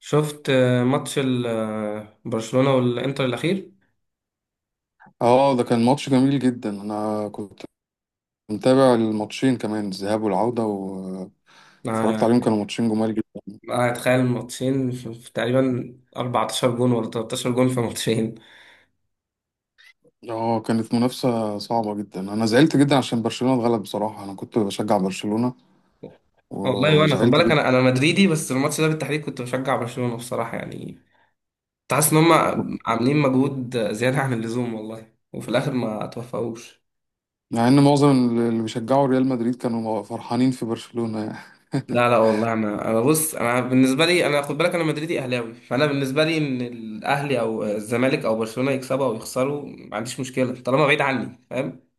شفت ماتش برشلونة والإنتر الأخير. اه، ده كان ماتش جميل جدا. انا كنت متابع الماتشين كمان، الذهاب والعودة، واتفرجت عليهم يعني كانوا ماتشين جمال جدا. أنا أتخيل ماتشين في تقريبا 14 جون ولا 13 جون في ماتشين. اه، كانت منافسة صعبة جدا. انا زعلت جدا عشان برشلونة اتغلب. بصراحة انا كنت بشجع برشلونة والله، وأنا خد وزعلت بالك جدا، أنا مدريدي، بس الماتش ده بالتحديد كنت بشجع برشلونة بصراحة، يعني كنت حاسس إن هم عاملين مجهود زيادة عن اللزوم، والله، وفي الآخر ما توفقوش. مع ان معظم اللي بيشجعوا ريال مدريد كانوا فرحانين في برشلونة يعني. لا لا والله، أنا بص، أنا بالنسبة لي، أنا خد بالك أنا مدريدي أهلاوي، فأنا بالنسبة لي إن الأهلي أو الزمالك أو برشلونة يكسبوا أو يخسروا ما عنديش مشكلة طالما بعيد عني، فاهم؟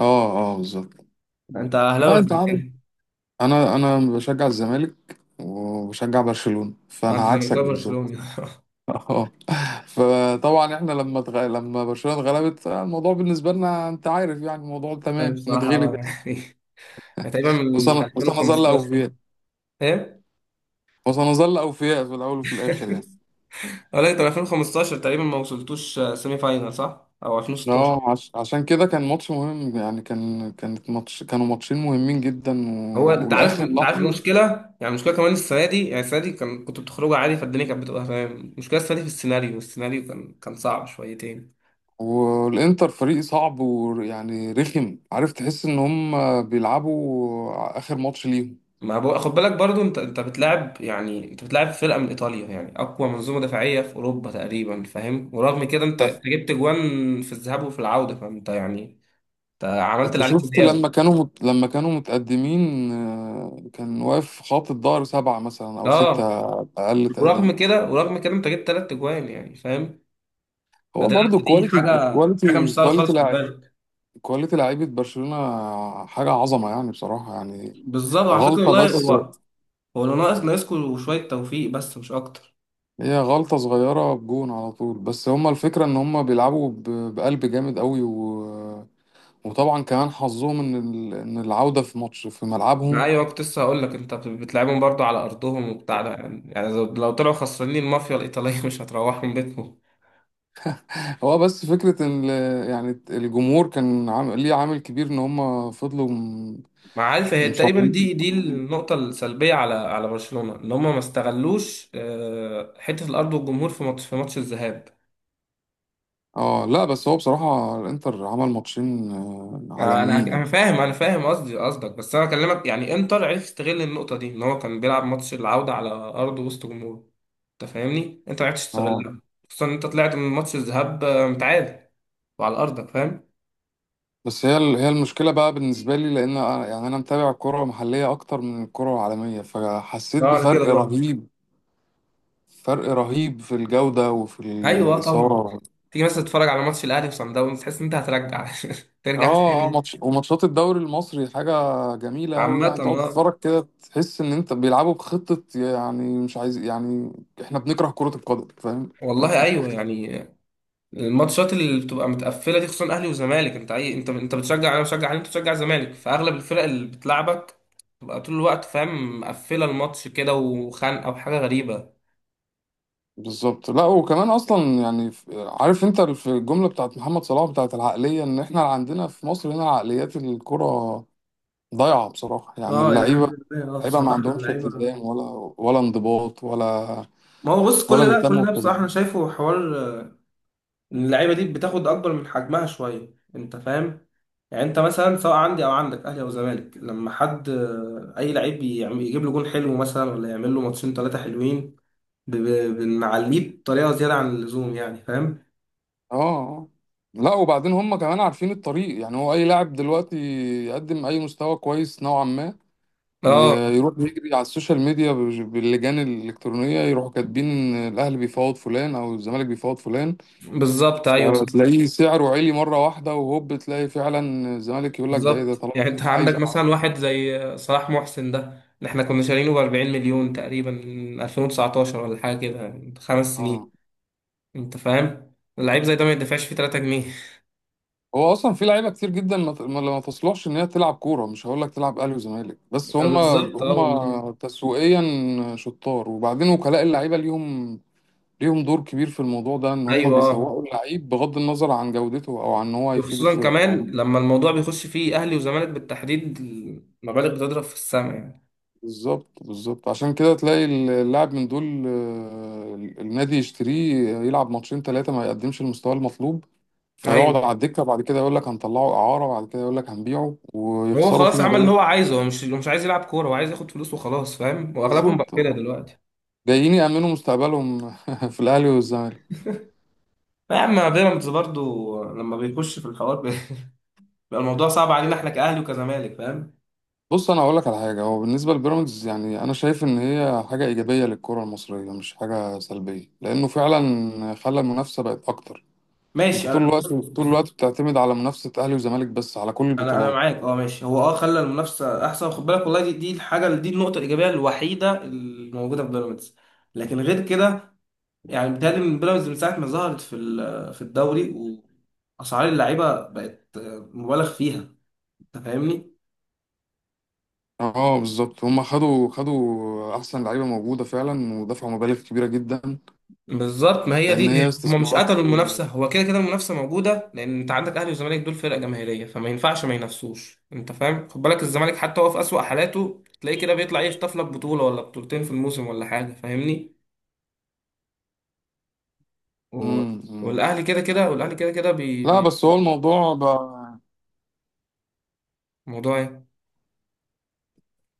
اه، اه، بالظبط. انت اهلاوي لا، ولا انت عارف زملكاوي؟ انا بشجع الزمالك وبشجع برشلونة، اه، فانا انت عكسك زملكاوي بالظبط. برشلوني. اه. فطبعا احنا لما برشلونة اتغلبت، الموضوع بالنسبة لنا انت عارف يعني الموضوع طيب تمام بصراحه، نتغلب يعني تقريبا من وسنظل 2015. اوفياء، ايه؟ وسنظل اوفياء في الاول وفي الاخر يعني. اه لا، انت من 2015 تقريبا ما وصلتوش سيمي فاينال، صح؟ او 2016. اه، عشان كده كان ماتش مهم يعني، كانت كانوا ماتشين مهمين جدا هو انت عارف، والاخر انت عارف لحظة. المشكله. يعني المشكله كمان السنه دي، يعني السنه دي كنت بتخرجوا عادي، فالدنيا كانت بتبقى تمام. المشكله السنه دي في السيناريو، كان صعب شويتين. والانتر فريق صعب، ويعني رخم، عارف، تحس ان هم بيلعبوا اخر ماتش ليهم. ما بو... خد بالك برضو، انت بتلعب فرقه من ايطاليا، يعني اقوى منظومه دفاعيه في اوروبا تقريبا، فاهم؟ ورغم كده انت جبت جوان في الذهاب وفي العوده، فانت يعني انت عملت انت اللي عليك شفت وزياده. لما كانوا متقدمين، كان واقف خط الظهر سبعة مثلا او اه، ستة، اقل ورغم تقدير. كده ورغم كده انت جبت ثلاث جوان، يعني فاهم. هو فده برضو دي كواليتي، حاجه، كواليتي، مش سهله خالص، خد بالك. كواليتي لعيبة برشلونة حاجة عظمة يعني، بصراحة يعني. بالظبط، على فكره، غلطة والله، بس، هو اللي ناقصكوا شويه توفيق، بس مش اكتر. هي غلطة صغيرة بجون على طول، بس هما الفكرة ان هما بقلب جامد قوي، وطبعا كمان حظهم ان ان العودة في ماتش في ملعبهم. ايوه، كنت لسه هقول لك انت بتلعبهم برضو على ارضهم وبتاع ده، يعني لو طلعوا خسرانين، المافيا الايطاليه مش هتروحهم بيتهم. هو بس فكرة ان يعني الجمهور كان عامل ليه، عامل كبير ان هم ما عارف، هي تقريبا مصممين، دي مصممين. النقطه السلبيه على برشلونه ان هم ما استغلوش حته الارض والجمهور في ماتش، الذهاب. اه، لا بس هو بصراحة الانتر عمل ماتشين، انا عالميين يعني. انا فاهم، قصدك، بس انا بكلمك، يعني انتر عرف يستغل النقطه دي، ان هو كان بيلعب ماتش العوده على ارض وسط جمهور. انت فاهمني؟ انت ما عرفتش اه، تستغلها، خصوصا ان انت طلعت من ماتش الذهاب متعادل وعلى ارضك، فاهم. بس هي المشكلة بقى بالنسبة لي، لان يعني انا متابع الكرة المحلية اكتر من الكرة العالمية، فحسيت اه، على بفرق كده برضه. رهيب، فرق رهيب في الجودة وفي ايوه طبعا. الإثارة. تيجي مثلا تتفرج على ماتش الاهلي وصن داونز، تحس ان انت هترجع ترجع اه، اه، تاني. ماتش وماتشات الدوري المصري حاجة جميلة أوي عامة، يعني، تقعد اه. تتفرج كده تحس إن أنت بيلعبوا بخطة، يعني مش عايز يعني، إحنا بنكره كرة القدم، فاهم. والله ايوه، يعني الماتشات اللي بتبقى متقفله دي، خصوصا اهلي وزمالك. انت اي انت انت بتشجع، انا بشجع اهلي، انت بتشجع زمالك، فاغلب الفرق اللي بتلعبك تبقى طول الوقت، فاهم، مقفله الماتش كده وخانقه وحاجه غريبه. بالظبط. لا وكمان أصلا يعني عارف أنت في الجملة بتاعت محمد صلاح، بتاعت العقلية إن إحنا عندنا في مصر هنا عقليات الكرة ضايعة بصراحة يعني. اه الحمد اللعيبة، لله، اللعيبة ما بصراحه عندهمش اللعيبه، التزام ولا ولا انضباط ولا ما هو بص، كل ولا ده بيهتموا. كل ده بصراحه انا شايفه حوار اللعيبه دي بتاخد اكبر من حجمها شويه، انت فاهم. يعني انت مثلا، سواء عندي او عندك اهلي او زمالك، لما حد اي لعيب يجيب له جون حلو مثلا، ولا يعمل له ماتشين ثلاثه حلوين، بنعليه بطريقه زياده عن اللزوم، يعني فاهم. اه، آه. لا وبعدين هم كمان عارفين الطريق، يعني هو اي لاعب دلوقتي يقدم اي مستوى كويس نوعا ما، اه يروح يجري على السوشيال ميديا باللجان الالكترونيه، يروحوا كاتبين إن الاهلي بيفاوض فلان او الزمالك بيفاوض فلان، بالظبط، ايوه صح. فتلاقيه سعره عالي مره واحده، وهوب تلاقي فعلا الزمالك يقول لك ده ايه ده بالظبط، طالما يعني انت الاهلي عندك عايزه مثلا أعرفه. واحد زي صلاح محسن ده، اللي احنا كنا شارينه ب 40 مليون تقريبا من 2019 ولا حاجه كده، من خمس اه. سنين انت فاهم. اللعيب زي ده ما يدفعش فيه 3 جنيه. هو اصلا في لعيبه كتير جدا ما ت- ما- ما تصلحش ان هي تلعب كوره، مش هقول لك تلعب اهلي وزمالك، بس هم، بالظبط اه والله هم تسويقيا شطار. وبعدين وكلاء اللعيبه ليهم، ليهم دور كبير في الموضوع ده، ان هم ايوه. بيسوقوا اللعيب بغض النظر عن جودته او عن ان هو هيفيد وخصوصا الفرق او. كمان لما الموضوع بيخش فيه اهلي وزمالك بالتحديد، المبالغ بتضرب في السماء يعني. بالظبط، بالظبط. عشان كده تلاقي اللاعب من دول، النادي يشتريه يلعب ماتشين ثلاثة ما يقدمش المستوى المطلوب، فيقعد ايوه، على الدكة بعد كده يقول لك هنطلعه إعارة، بعد كده يقول لك هنبيعه هو ويخسروا فيه خلاص عمل اللي مبالغ. هو عايزه، هو مش عايز يلعب كوره، هو عايز ياخد فلوس وخلاص، فاهم؟ واغلبهم بقى بالظبط، كده آه. دلوقتي. جايين يأمنوا مستقبلهم في الأهلي والزمالك. لا يا عم، بيراميدز برضو لما بيخش في الحوار بيبقى الموضوع صعب علينا، احنا كاهلي وكزمالك، فاهم. بص انا هقول لك على حاجه، هو بالنسبه لبيراميدز يعني انا شايف ان هي حاجه ايجابيه للكره المصريه، مش حاجه سلبيه، لانه فعلا خلى المنافسه بقت اكتر. انت ماشي، طول انا بص الوقت، بص طول بص. الوقت بتعتمد على منافسه اهلي وزمالك بس على كل انا البطولات. معاك، اه ماشي، هو خلى المنافسه احسن، خد بالك، والله، دي دي الحاجه دي النقطه الايجابيه الوحيده الموجوده في بيراميدز. لكن غير كده، يعني بيتهيألي من بيراميدز من ساعة ما ظهرت في الدوري، وأسعار اللعيبة بقت مبالغ فيها. أنت فاهمني؟ اه، بالظبط، هما خدوا، خدوا احسن لعيبه موجوده فعلا ودفعوا مبالغ كبيره جدا، بالظبط، ما هي لان هي دي، هم مش استثمارات. قتلوا المنافسه، هو كده كده المنافسه موجوده، لان انت عندك اهلي وزمالك، دول فرق جماهيريه، فما ينفعش ما ينافسوش، انت فاهم، خد بالك الزمالك حتى هو في اسوأ حالاته تلاقيه كده بيطلع يخطف لك بطوله ولا بطولتين في الموسم ولا حاجه، فاهمني. و... مم، مم. والاهلي كده كده، لا بس هو الموضوع بقى. موضوع ايه؟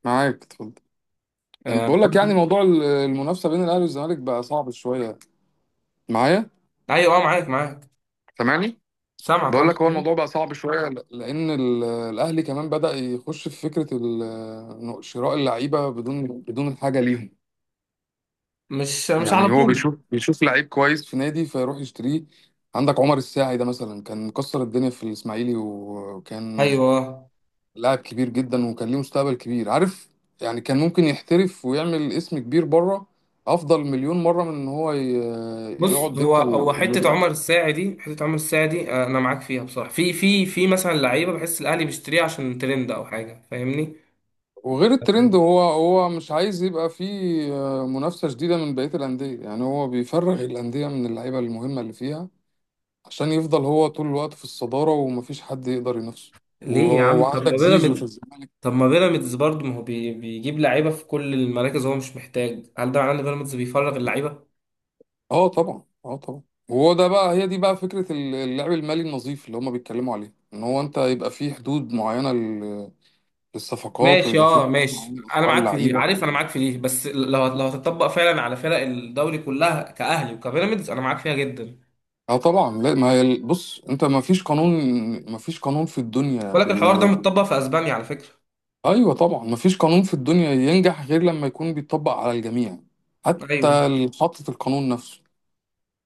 معاك، اتفضل. آه... بقول بقول لك يعني لك- موضوع المنافسه بين الاهلي والزمالك بقى صعب شويه معايا، ايوه اه معاك معاك. سامعني؟ سامعك، بقول انت لك هو الموضوع بقى صعب شويه لان الاهلي كمان بدأ يخش في فكره إنه شراء اللعيبه، بدون الحاجه ليهم. مش على يعني هو طول. بيشوف، بيشوف لعيب كويس في نادي فيروح يشتريه. عندك عمر الساعي ده مثلا، كان مكسر الدنيا في الاسماعيلي، وكان ايوه لاعب كبير جدا، وكان ليه مستقبل كبير عارف، يعني كان ممكن يحترف ويعمل اسم كبير بره، افضل مليون مره من ان هو يقعد بص، هو دكه هو في النادي حته عمر الاهلي. الساعي دي، انا معاك فيها بصراحه، في مثلا لعيبه بحس الاهلي بيشتريها عشان ترند او حاجه، فاهمني. وغير الترند، هو هو مش عايز يبقى فيه، منافسة شديدة من بقية الأندية، يعني هو بيفرغ الأندية من اللعيبة المهمة اللي فيها، عشان يفضل هو طول الوقت في الصدارة ومفيش حد يقدر ينافسه. ليه يا عم، طب وعندك ما زيزو في بيراميدز. الزمالك. طب ما بيراميدز برضه، ما هو بيجيب لعيبه في كل المراكز، هو مش محتاج، هل ده معناه ان بيراميدز بيفرغ اللعيبه؟ اه طبعا، اه طبعا. وهو ده بقى، هي دي بقى فكرة اللعب المالي النظيف اللي هما بيتكلموا عليه، ان هو انت يبقى فيه حدود معينة للصفقات، ماشي، ويبقى فيه اه حدود ماشي، معينة انا لأسعار معاك في دي، عارف، اللعيبة. انا معاك في دي، بس لو هتطبق فعلا على فرق الدوري كلها كاهلي وكبيراميدز، انا معاك فيها جدا. اه طبعا. لا ما بص انت ما فيش قانون، ما فيش قانون في الدنيا. ولكن الحوار ده متطبق في اسبانيا، على فكره. ايوه طبعا، مفيش قانون في الدنيا ينجح غير لما يكون بيطبق على الجميع، حتى ايوه اللي حاطط القانون نفسه.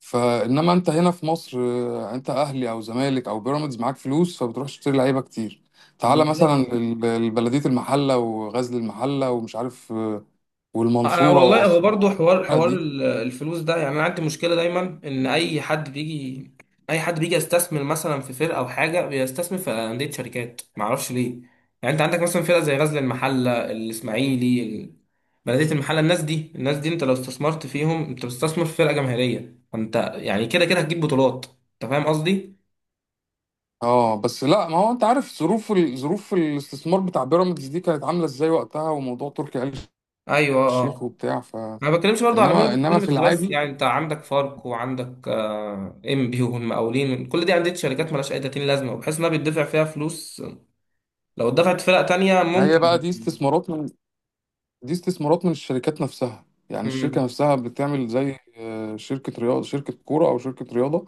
فانما انت هنا في مصر، انت اهلي او زمالك او بيراميدز معاك فلوس، فبتروح تشتري لعيبه كتير. تعالى مثلا بالظبط. البلديه المحله وغزل المحله ومش عارف، انا والمنصوره والله، هو واسوان، برضو حوار الفرق دي. الفلوس ده، يعني انا عندي مشكله دايما ان اي حد بيجي، يستثمر مثلا في فرقه او حاجه، بيستثمر في انديه شركات، ما اعرفش ليه. يعني انت عندك مثلا فرقه زي غزل المحله، الاسماعيلي، بلديه المحله، الناس دي، انت لو استثمرت فيهم، انت بتستثمر في فرقه جماهيريه، فانت يعني كده كده هتجيب بطولات، انت فاهم قصدي؟ اه بس لا ما هو انت عارف ظروف ظروف الاستثمار بتاع بيراميدز دي كانت عامله ازاي وقتها، وموضوع تركي آل ايوه الشيخ اه، وبتاع ف. ما بتكلمش برضو على انما، انما في بيراميدز بس، العادي، يعني انت عندك فاركو وعندك ام بي والمقاولين، كل دي انديه شركات مالهاش اي 30 لازمه، وبحيث انها بيدفع فيها فلوس لو اتدفعت فرق تانية ما هي بقى ممكن. دي استثمارات من، دي استثمارات من الشركات نفسها، يعني الشركة امم. نفسها بتعمل زي، شركة رياضة، شركة كورة أو شركة رياضة،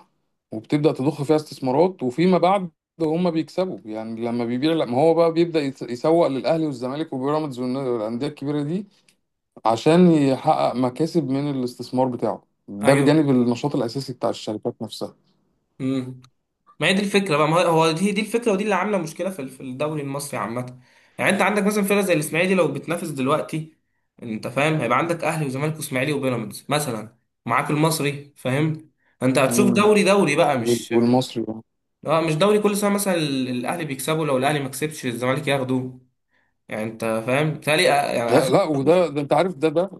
وبتبدأ تضخ فيها استثمارات. وفيما بعد هم بيكسبوا يعني، لما بيبيع، لما هو بقى بيبدأ يسوق للأهلي والزمالك وبيراميدز والأندية الكبيرة دي، عشان يحقق مكاسب من الاستثمار بتاعه ده ايوه بجانب بالظبط. النشاط الأساسي بتاع الشركات نفسها. امم. ما هي دي الفكره بقى، ما هو دي الفكره، ودي اللي عامله مشكله في الدوري المصري عامه. يعني انت عندك مثلا فرقه زي الاسماعيلي لو بتنافس دلوقتي، انت فاهم هيبقى عندك اهلي وزمالك واسماعيلي وبيراميدز مثلا، معاك المصري، فاهم. انت هتشوف مم. دوري، دوري بقى مش... والمصري بقى. اه، مش دوري كل سنه مثلا الاهلي بيكسبوا، لو الاهلي ما كسبش الزمالك ياخدوه، يعني انت فاهم، بتهيألي يعني لا اخر... لا، وده ده انت عارف ده ده،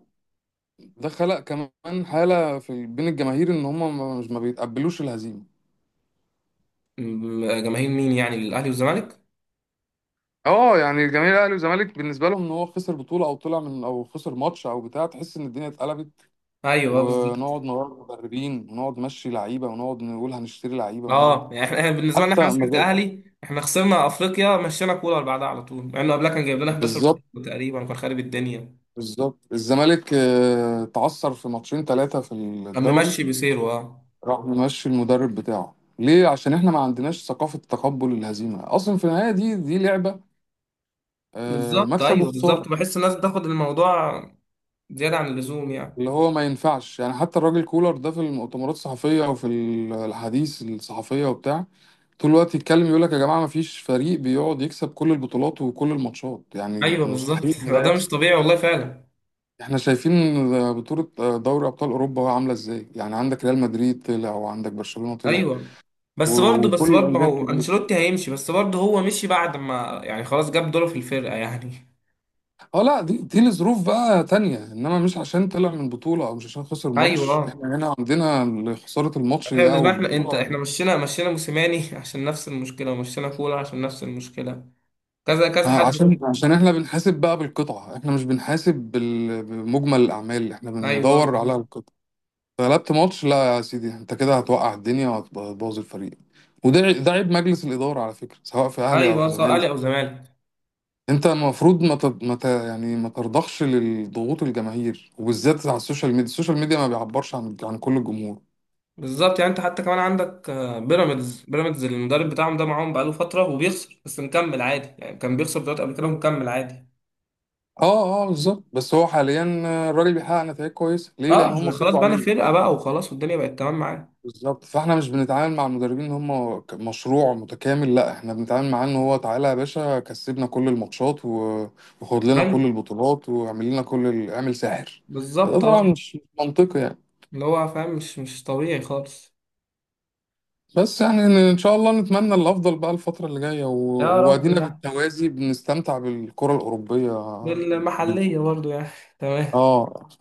ده خلق كمان حالة في بين الجماهير ان هم ما- مش ما بيتقبلوش الهزيمة. جماهير مين، يعني الاهلي والزمالك؟ اه، يعني جماهير الاهلي والزمالك بالنسبه لهم ان هو خسر بطولة او طلع من، او خسر ماتش او بتاع، تحس ان الدنيا اتقلبت، ايوه بالظبط، ونقعد نغير مدربين، ونقعد نمشي لعيبة، ونقعد نقول هنشتري لعيبة ونقعد. اه يعني احنا بالنسبه لنا، احنا حتى مثلا مجال. كاهلي احنا خسرنا افريقيا، مشينا كولر بعدها على طول، مع انه قبلها كان جايب لنا 11 بالظبط، بطولة تقريبا وكان خارب الدنيا، بالظبط. الزمالك، تعثر في ماتشين ثلاثة في كان الدوري، ممشي بسيره اه. راح ممشي المدرب بتاعه ليه، عشان احنا ما عندناش ثقافة تقبل الهزيمة اصلا. في النهاية دي دي لعبة، بالظبط، مكسب ايوه بالظبط، وخسارة. بحس الناس بتاخد الموضوع زياده عن اللزوم يعني. اللي هو ما ينفعش يعني، حتى الراجل كولر ده في المؤتمرات الصحفية وفي الحديث الصحفية وبتاع، طول الوقت يتكلم يقول لك يا جماعة ما فيش فريق بيقعد يكسب كل البطولات وكل الماتشات، يعني ايوه بالظبط. مستحيل ان ده ده مش يحصل. طبيعي والله فعلا. احنا شايفين بطولة دوري أبطال أوروبا عاملة ازاي يعني، عندك ريال مدريد طلع، وعندك برشلونة طلع ايوه، بس برضه بس وكل برضه ما الأندية هو الكبيرة. انشيلوتي هيمشي، بس برضه هو مشي بعد ما، يعني خلاص جاب دوره في الفرقه يعني. اه لا، دي دي لظروف بقى تانية، انما مش عشان طلع من بطولة او مش عشان خسر ايوه ماتش. اه، احنا هنا عندنا خسارة الماتش احنا ده او بالنسبه احنا انت احنا البطولة، مشينا موسيماني عشان نفس المشكله، ومشينا كولر عشان نفس المشكله، كذا كذا ما حد عشان، برضه. عشان احنا بنحاسب بقى بالقطعة، احنا مش بنحاسب بمجمل الأعمال، احنا ايوه بندور على بالظبط. القطعة. غلبت ماتش، لا يا سيدي، انت كده هتوقع الدنيا وهتبوظ الفريق. ده عيب مجلس الإدارة على فكرة، سواء في أهلي أو ايوه، في سواء زمالك. اهلي او زمالك. انت المفروض ما ت... ما ت... يعني ما ترضخش للضغوط الجماهير، وبالذات على السوشيال ميديا. السوشيال ميديا ما بيعبرش عن، عن كل الجمهور. بالظبط، يعني انت حتى كمان عندك بيراميدز، المدرب بتاعهم ده معاهم بقاله فتره وبيخسر، بس مكمل عادي، يعني كان بيخسر بطولات قبل كده ومكمل عادي. اه، اه، بالظبط. بس هو حاليا الراجل بيحقق نتائج كويسة، ليه؟ اه لأن هم عشان خلاص صبروا بقى انا عليه. فرقه بقى وخلاص، والدنيا بقت تمام معاه. بالظبط. فاحنا مش بنتعامل مع المدربين ان هم مشروع متكامل، لا احنا بنتعامل معاه ان هو تعالى يا باشا كسبنا كل الماتشات وخد لنا ايوه كل البطولات واعمل لنا كل ال... اعمل ساحر. فده بالظبط، طبعا اه مش منطقي يعني. اللي هو فاهم مش طبيعي خالص. بس يعني ان إن شاء الله نتمنى الافضل بقى الفتره اللي جايه، يا رب وادينا يعني. بالتوازي بنستمتع بالكره الاوروبيه. والمحلية برضو يعني. تمام. اه.